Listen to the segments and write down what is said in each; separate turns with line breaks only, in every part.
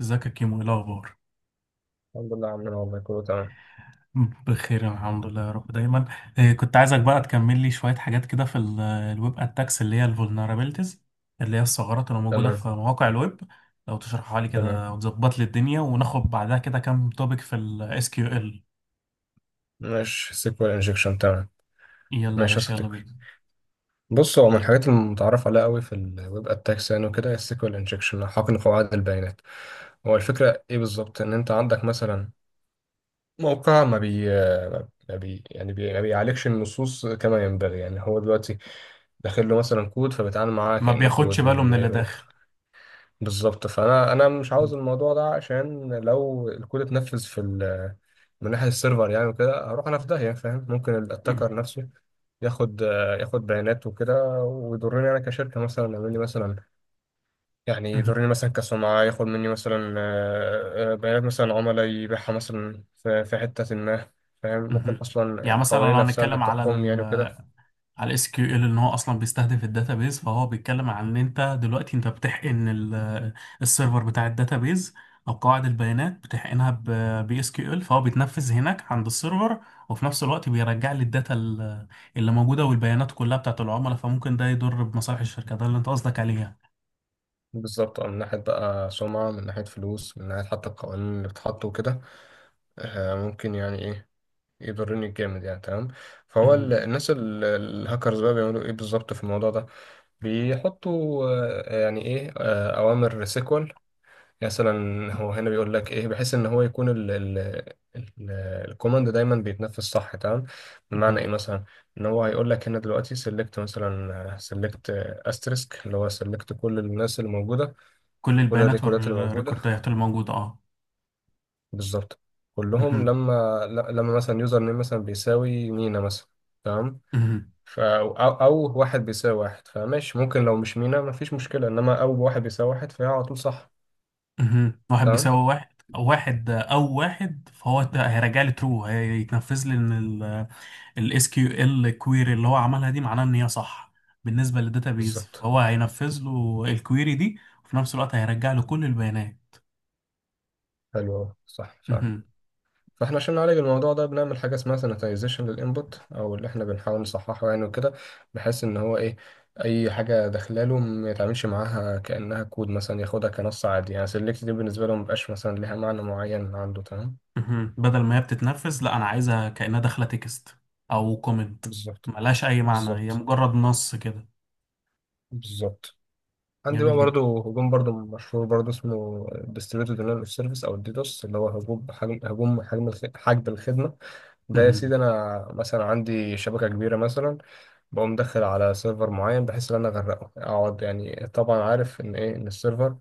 ازيك يا كيمو؟ ايه الاخبار؟
الحمد لله يا عمنا، والله كله تمام.
بخير، الحمد لله، يا رب دايما. إيه، كنت عايزك بقى تكمل لي شويه حاجات كده في الويب اتاكس اللي هي الفولنربيلتيز، اللي هي الثغرات اللي موجوده
تمام.
في مواقع الويب. لو تشرحها لي
تمام.
كده وتظبط لي الدنيا، وناخد بعدها كده كام توبيك في الاس كيو ال.
ماشي، سيكوال انجكشن. تمام.
يلا يا
ماشي يا
باشا، يلا
صديقي.
بينا.
بص، هو من الحاجات المتعارف عليها قوي في الويب اتاكس يعني وكده، السيكوال انجكشن، حقن قواعد البيانات. هو الفكره ايه بالظبط؟ ان انت عندك مثلا موقع ما بي. ما بي يعني بي ما بيعالجش النصوص كما ينبغي، يعني هو دلوقتي داخل له مثلا كود، فبيتعامل معاه
ما
كانه
بياخدش
كود.
باله من اللي داخل.
بالظبط. فانا انا مش عاوز الموضوع ده، عشان لو الكود اتنفذ في من ناحيه السيرفر يعني وكده، هروح انا في داهيه. فاهم؟ ممكن الاتاكر
مهم.
نفسه ياخد ياخد بيانات وكده، ويضرني انا كشركه، مثلا يعمل لي مثلا، يعني
مهم.
يضرني مثلا كسمعه، ياخد مني مثلا بيانات مثلا عملاء يبيعها مثلا في حته ما. فاهم؟ ممكن
مهم.
اصلا
يعني مثلا لو
القوانين نفسها اللي
هنتكلم على
بتحكمني يعني وكده.
على الاس كيو ال، ان هو اصلا بيستهدف الداتابيز، فهو بيتكلم عن ان انت دلوقتي انت بتحقن السيرفر بتاع الداتابيز، او قواعد البيانات بتحقنها بي اس كيو ال، فهو بيتنفذ هناك عند السيرفر، وفي نفس الوقت بيرجع لي الداتا اللي موجوده، والبيانات كلها بتاعت العملاء، فممكن ده يضر بمصالح الشركه، ده اللي انت قصدك عليه يعني.
بالظبط. من ناحيه بقى سمعه، من ناحيه فلوس، من ناحيه حتى القوانين اللي بتتحط وكده. ممكن يعني ايه، يضرني جامد يعني. تمام. فهو
مهم.
الناس الهاكرز بقى بيعملوا ايه بالظبط في الموضوع ده؟ بيحطوا يعني ايه، اوامر سيكوال مثلا. هو هنا بيقول لك ايه، بحيث ان هو يكون ال- الكوماند دايما بيتنفذ. صح؟ تمام. بمعنى ايه
مهم.
مثلا؟ ان هو هيقول لك هنا دلوقتي سيلكت، مثلا سيلكت استريسك، اللي هو سيلكت كل الناس اللي موجوده،
كل
كل
البيانات
الريكوردات اللي موجوده،
والريكوردات اللي موجوده، اه.
بالظبط، كلهم،
مهم.
لما لما مثلا يوزر نيم مثلا بيساوي مينا مثلا. تمام.
مهم.
ف أو واحد بيساوي واحد، فماشي. ممكن لو مش مينا مفيش مشكلة، إنما أو واحد بيساوي واحد، فهي على طول صح.
مهم. واحد
تمام.
بيساوي واحد. واحد او واحد، فهو ده هيرجع لي ترو، هيتنفذ لي ان الاس كيو ال كويري اللي هو عملها دي معناه ان هي صح بالنسبه للداتابيز،
بالظبط.
فهو هينفذ له الكويري دي. وفي نفس الوقت هيرجع له كل البيانات.
حلو أوي. صح فعلا.
مهم.
فاحنا عشان نعالج الموضوع ده بنعمل حاجة اسمها sanitization للإنبوت، أو اللي احنا بنحاول نصححه يعني وكده، بحيث إن هو إيه، أي حاجة داخلاله ما يتعاملش معاها كأنها كود، مثلا ياخدها كنص عادي، يعني select دي بالنسبة له مبقاش مثلا ليها معنى معين عنده. تمام.
مهم. بدل ما هي بتتنفذ، لا، انا عايزها كانها داخله تكست او كومنت.
بالظبط.
ملهاش اي معنى، هي
بالظبط.
مجرد نص كده.
بالظبط. عندي بقى
جميل جدا.
برضه هجوم برضه مشهور برضه، اسمه ديستريبيوتد دينايل اوف سيرفيس، او الديدوس، اللي هو هجوم حجب الخدمه. ده يا
مهم.
سيدي، انا مثلا عندي شبكه كبيره مثلا، بقوم داخل على سيرفر معين بحيث ان انا اغرقه اقعد. يعني طبعا عارف ان ايه، ان السيرفر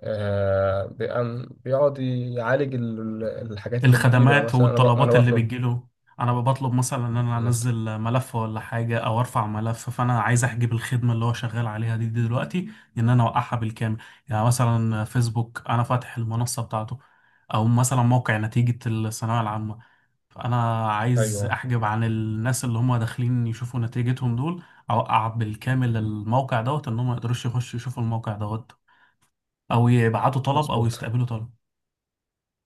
بيقعد يعالج الحاجات اللي بتجيله، يعني
الخدمات
مثلا انا انا
والطلبات اللي
بطلب.
بتجيله. انا بطلب مثلا ان انا
بالظبط.
انزل ملف ولا حاجه او ارفع ملف، فانا عايز احجب الخدمه اللي هو شغال عليها دي دلوقتي. ان انا اوقعها بالكامل. يعني مثلا فيسبوك، انا فاتح المنصه بتاعته، او مثلا موقع نتيجه الثانويه العامه، فانا عايز
ايوه.
احجب عن الناس اللي هم داخلين يشوفوا نتيجتهم دول. اوقع بالكامل الموقع دوت، ان هم ما يقدروش يخشوا يشوفوا الموقع دوت، او يبعتوا طلب او
مظبوط.
يستقبلوا طلب.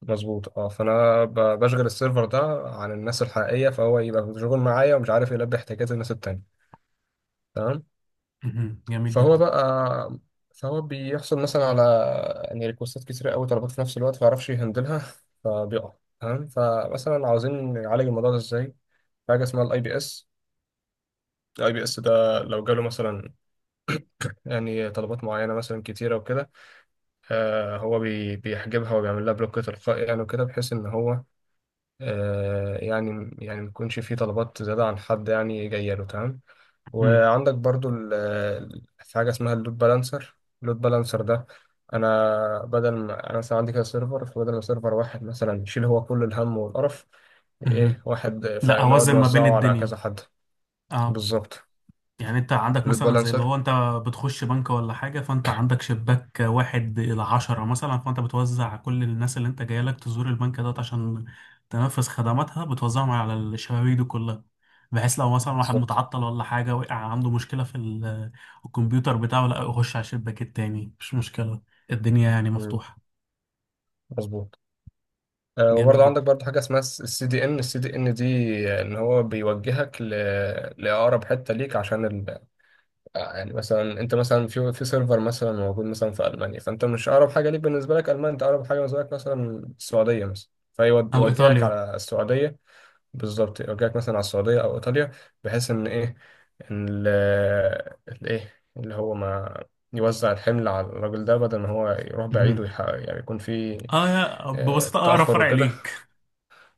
مظبوط، اه. فانا بشغل السيرفر ده عن الناس الحقيقيه، فهو يبقى مشغول معايا ومش عارف يلبي احتياجات الناس التانية. تمام.
مهم. جميل
فهو
جدا.
بقى فهو بيحصل مثلا على يعني ريكوستات كتير قوي، طلبات في نفس الوقت ما يعرفش يهندلها، فبيقع. تمام. فمثلا عاوزين نعالج الموضوع ده ازاي؟ حاجه اسمها الاي بي اس. الاي بي اس ده لو جاله مثلا يعني طلبات معينه مثلا كتيره وكده، هو بيحجبها وبيعمل لها بلوك تلقائي يعني وكده، بحيث ان هو يعني ما يكونش فيه طلبات زيادة عن حد يعني جاية له. تمام.
مهم.
وعندك برضو في حاجة اسمها اللود بالانسر. اللود بالانسر ده، أنا بدل ما أنا مثلا عندي كده سيرفر، فبدل ما سيرفر واحد مثلا يشيل هو كل الهم والقرف، إيه،
مهم.
واحد،
لا،
فنقعد
اوزن ما بين
نوزعه على
الدنيا.
كذا حد.
اه.
بالظبط.
يعني انت عندك
اللود
مثلا زي اللي
بالانسر.
هو انت بتخش بنك ولا حاجه، فانت عندك شباك واحد الى عشرة مثلا، فانت بتوزع كل الناس اللي انت جاي لك تزور البنك دوت عشان تنفذ خدماتها، بتوزعهم على الشبابيك دي كلها، بحيث لو مثلا واحد
بالظبط.
متعطل ولا حاجه، وقع عنده مشكله في الكمبيوتر بتاعه، لا، يخش على الشباك التاني، مش مشكله. الدنيا يعني
مم،
مفتوحه.
مظبوط.
جميل
وبرضه عندك
جدا.
برضه حاجة اسمها السي دي ان. السي دي ان دي ان هو بيوجهك ل... لأقرب حتة ليك، عشان ال... يعني مثلا انت مثلا في سيرفر مثلا موجود مثلا في المانيا، فانت مش اقرب حاجه ليك بالنسبه لك المانيا، انت اقرب حاجه بالنسبه لك مثلا السعوديه مثلا،
او
فيوجهك
ايطاليا.
على السعوديه. بالظبط، يوجهك مثلا على السعوديه او ايطاليا، بحيث ان ايه، ان ال ال- ايه اللي هو ما يوزع الحمل على الراجل ده، بدل ما هو يروح بعيد
مهم.
ويحقق، يعني يكون في
اه، ببساطه اقرب
تاخر
فرع
وكده.
ليك.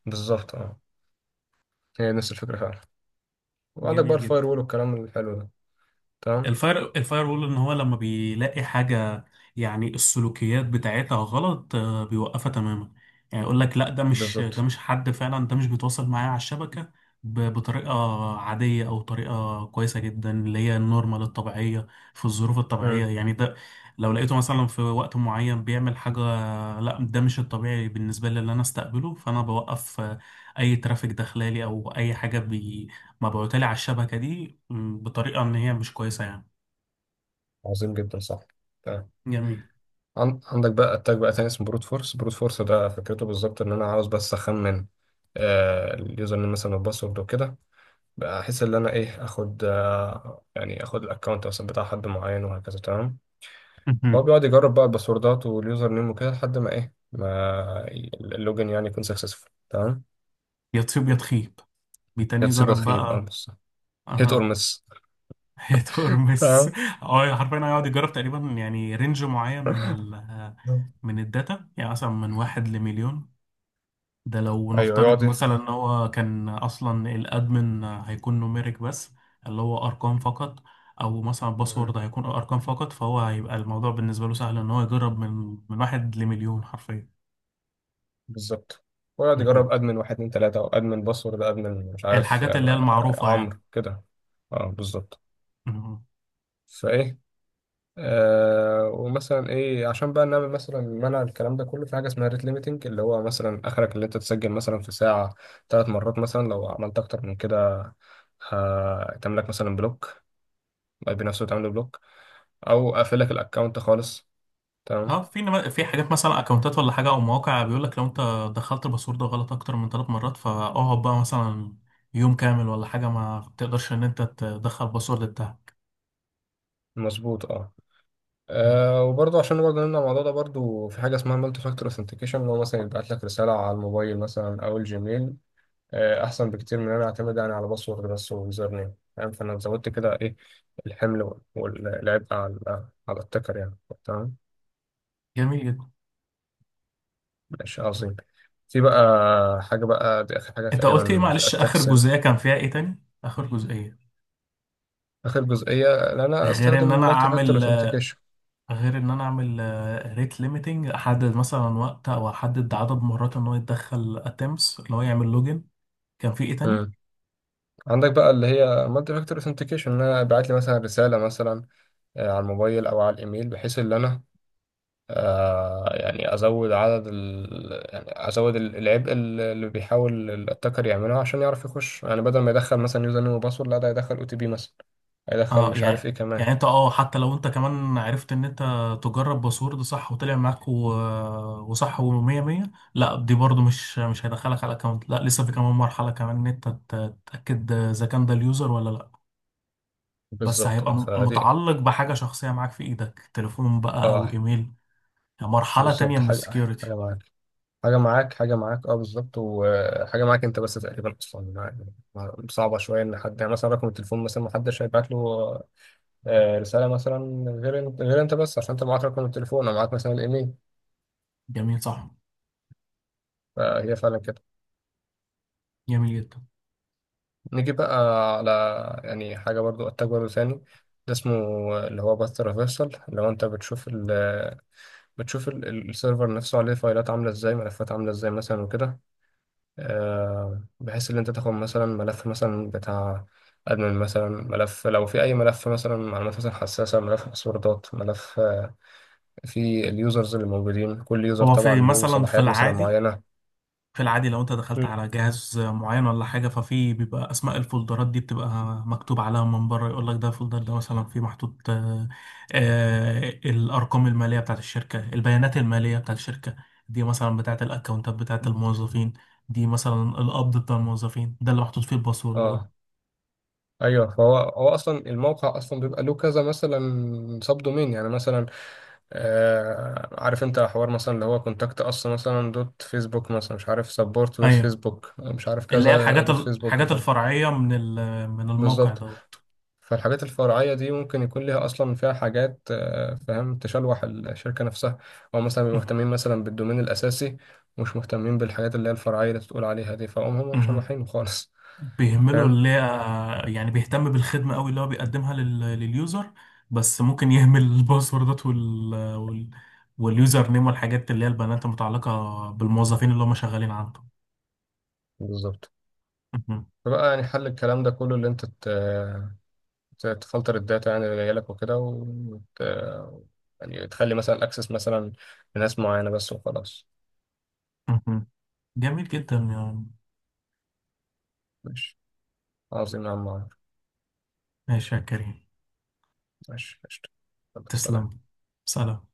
بالظبط، اه. هي نفس الفكره فعلا. وعندك بقى
جميل
الفاير
جدا.
وول والكلام الحلو ده. تمام.
الفاير وول، ان هو لما بيلاقي حاجه، يعني السلوكيات بتاعتها غلط، بيوقفها تماما. يعني يقول لك لا، ده مش ده
بالظبط.
مش حد فعلا، ده مش بيتواصل معايا على الشبكه بطريقه عاديه او طريقه كويسه جدا، اللي هي النورمال الطبيعيه، في الظروف الطبيعيه يعني. ده لو لقيته مثلا في وقت معين بيعمل حاجه، لا، ده مش الطبيعي بالنسبه لي اللي انا استقبله، فانا بوقف اي ترافيك داخلالي او اي حاجه ما بقولتلي على الشبكة دي بطريقة إن هي مش كويسة يعني.
عظيم جدا، صح. تمام.
جميل.
عندك بقى اتاك بقى تاني اسمه بروت فورس. بروت فورس ده فكرته بالظبط، ان انا عاوز بس اخمن اليوزر نيم مثلا والباسورد وكده، بحيث ان انا ايه، اخد آه يعني اخد الاكونت مثلا بتاع حد معين وهكذا. تمام. فهو
مهم.
بيقعد يجرب بقى الباسوردات واليوزر نيم وكده لحد ما ايه ما ي- اللوجن يعني يكون سكسسفول. تمام.
يا تصيب يا تخيب.
يا
بيتاني
تصيب يا
يجرب
تخيب، اه.
بقى.
بص، هيت اور
أها.
مس.
هي ترمس
تمام.
اه، حرفيا هيقعد يجرب تقريبا يعني رينج معين من الداتا، يعني مثلا من واحد لمليون. ده لو
ايوه،
نفترض
يقعد
مثلا ان هو كان اصلا الادمن، هيكون نوميريك بس، اللي هو ارقام فقط. او مثلا
ايه
باسورد هيكون ارقام فقط، فهو هيبقى الموضوع بالنسبه له سهل، ان هو يجرب من واحد لمليون حرفيا.
بالظبط. ويقعد يجرب ادمن واحد، اتنين، تلاته، او ادمن، باسورد، ادمن، مش عارف
الحاجات
يعني.
اللي هي المعروفة يعني.
عمرو كده. اه بالظبط.
مم.
فايه آه ومثلا ايه عشان بقى نعمل مثلا منع الكلام ده كله، في حاجه اسمها ريت ليميتنج، اللي هو مثلا اخرك اللي انت تسجل مثلا في ساعه 3 مرات مثلا. لو عملت اكتر من كده، هتعمل لك مثلا بلوك، اي بي نفسه تعمل بلوك، او اقفل لك الاكونت خالص.
اه،
تمام.
في حاجات مثلا اكونتات ولا حاجة او مواقع، بيقول لك لو انت دخلت الباسورد غلط اكتر من 3 مرات، فاقعد بقى مثلا يوم كامل ولا حاجة، ما تقدرش ان انت تدخل الباسورد بتاعك.
مظبوط، اه.
مم.
وبرضه عشان نبقى جنبنا الموضوع ده برضه، في حاجة اسمها مالتي فاكتور اوثنتيكيشن، اللي هو مثلا يبعت لك رسالة على الموبايل مثلا أو الجيميل. أحسن بكتير من إن أنا أعتمد يعني على باسورد بس ويوزر نيم. فاهم؟ فأنا زودت كده إيه، الحمل والعبء على التكر يعني. تمام.
جميل جدا.
ماشي، عظيم. في بقى حاجة بقى دي، آخر حاجة
انت قلت ايه؟
تقريبا في
معلش، اخر
الأتاكس هنا.
جزئية كان فيها ايه تاني؟ اخر جزئية.
آخر جزئية إن أنا
غير
أستخدم
ان انا
مالتي فاكتور
اعمل
اوثنتيكيشن.
غير ان انا اعمل ريت ليميتنج، احدد مثلا وقت او احدد عدد مرات ان هو يتدخل اتمس اللي هو يعمل لوجن. كان في ايه تاني؟
عندك بقى اللي هي مالتي فاكتور اوثنتيكيشن، إن أنا أبعت لي مثلا رسالة مثلا على الموبايل او على الايميل، بحيث ان انا يعني ازود عدد ال... يعني ازود العبء اللي بيحاول الاتاكر يعمله عشان يعرف يخش. يعني بدل ما يدخل مثلا يوزر نيم وباسورد، لا، ده يدخل او تي بي مثلا، هيدخل
اه،
مش عارف
يعني
ايه
يعني
كمان.
انت، حتى لو انت كمان عرفت ان انت تجرب باسورد ده صح وطلع معاك وصح ومية مية، لا، دي برضو مش هيدخلك على الاكونت، لا، لسه في كمان مرحلة كمان، ان انت تتأكد اذا كان ده اليوزر ولا لا. بس
بالظبط،
هيبقى
اه. فدي،
متعلق بحاجة شخصية معاك في ايدك، تليفون بقى او
اه
ايميل. يعني مرحلة
بالظبط،
تانية من السكيورتي.
حاجه معاك، حاجه معاك، حاجه معاك، اه بالظبط. وحاجه معاك انت بس تقريبا، اصلا يعني صعبه شويه ان حد، يعني مثلا رقم التليفون مثلا ما حدش هيبعت له رسالة مثلا غير انت. غير انت بس، عشان انت معاك رقم التليفون او معاك مثلا الايميل.
جميل، صح.
فهي فعلا كده.
جميل جدا.
نيجي بقى على يعني حاجة برضو، اتاك برضو تاني، ده اسمه اللي هو باث ريفرسال، اللي هو انت بتشوف السيرفر نفسه، عليه فايلات عاملة ازاي، ملفات عاملة ازاي مثلا وكده. بحيث ان انت تاخد مثلا ملف مثلا بتاع ادمن مثلا، ملف لو في، اي ملف مثلا معلومات مثلا حساسه، ملف باسوردات، ملف، في اليوزرز اللي موجودين، كل يوزر
هو
طبعا
في
له
مثلا في
صلاحيات مثلا
العادي
معينه.
في العادي لو انت دخلت
مم.
على جهاز معين ولا حاجة، ففي بيبقى اسماء الفولدرات دي بتبقى مكتوب عليها من بره، يقول لك ده الفولدر ده مثلا فيه محطوط الارقام المالية بتاعت الشركة، البيانات المالية بتاعت الشركة، دي مثلا بتاعت الاكونتات بتاعت الموظفين، دي مثلا القبض بتاع الموظفين، ده اللي محطوط فيه الباسوردات.
اه، ايوه. فهو اصلا، الموقع اصلا بيبقى له كذا مثلا سب دومين يعني، مثلا عارف انت حوار مثلا اللي هو كونتاكت اس مثلا دوت فيسبوك، مثلا مش عارف سبورت دوت
ايوه.
فيسبوك، مش عارف
اللي هي
كذا
الحاجات
دوت فيسبوك،
الحاجات الفرعية من الموقع
بالظبط.
دوت.
فالحاجات الفرعيه دي ممكن يكون ليها اصلا، فيها حاجات فاهم، تشلوح الشركه نفسها، او مثلا بيبقوا مهتمين مثلا بالدومين الاساسي، مش مهتمين بالحاجات اللي هي الفرعيه اللي تقول عليها دي. فهم هم مشلوحين خالص.
بيهملوا
فاهم؟
اللي هي، يعني بيهتم بالخدمة قوي اللي هو بيقدمها لليوزر. بس ممكن يهمل الباسوردات واليوزر نيم والحاجات اللي هي البيانات المتعلقة بالموظفين اللي هم شغالين عنده.
بالظبط.
مهم.
فبقى يعني حل الكلام ده كله، اللي انت تفلتر الداتا يعني اللي جايلك وكده، يعني تخلي مثلا الاكسس مثلا لناس معينة بس وخلاص.
مهم. جميل جدا يعني.
ماشي. عظيم يا عم عمر.
ماشي يا كريم.
ماشي، قشطة. يلا، سلام.
تسلم. سلام.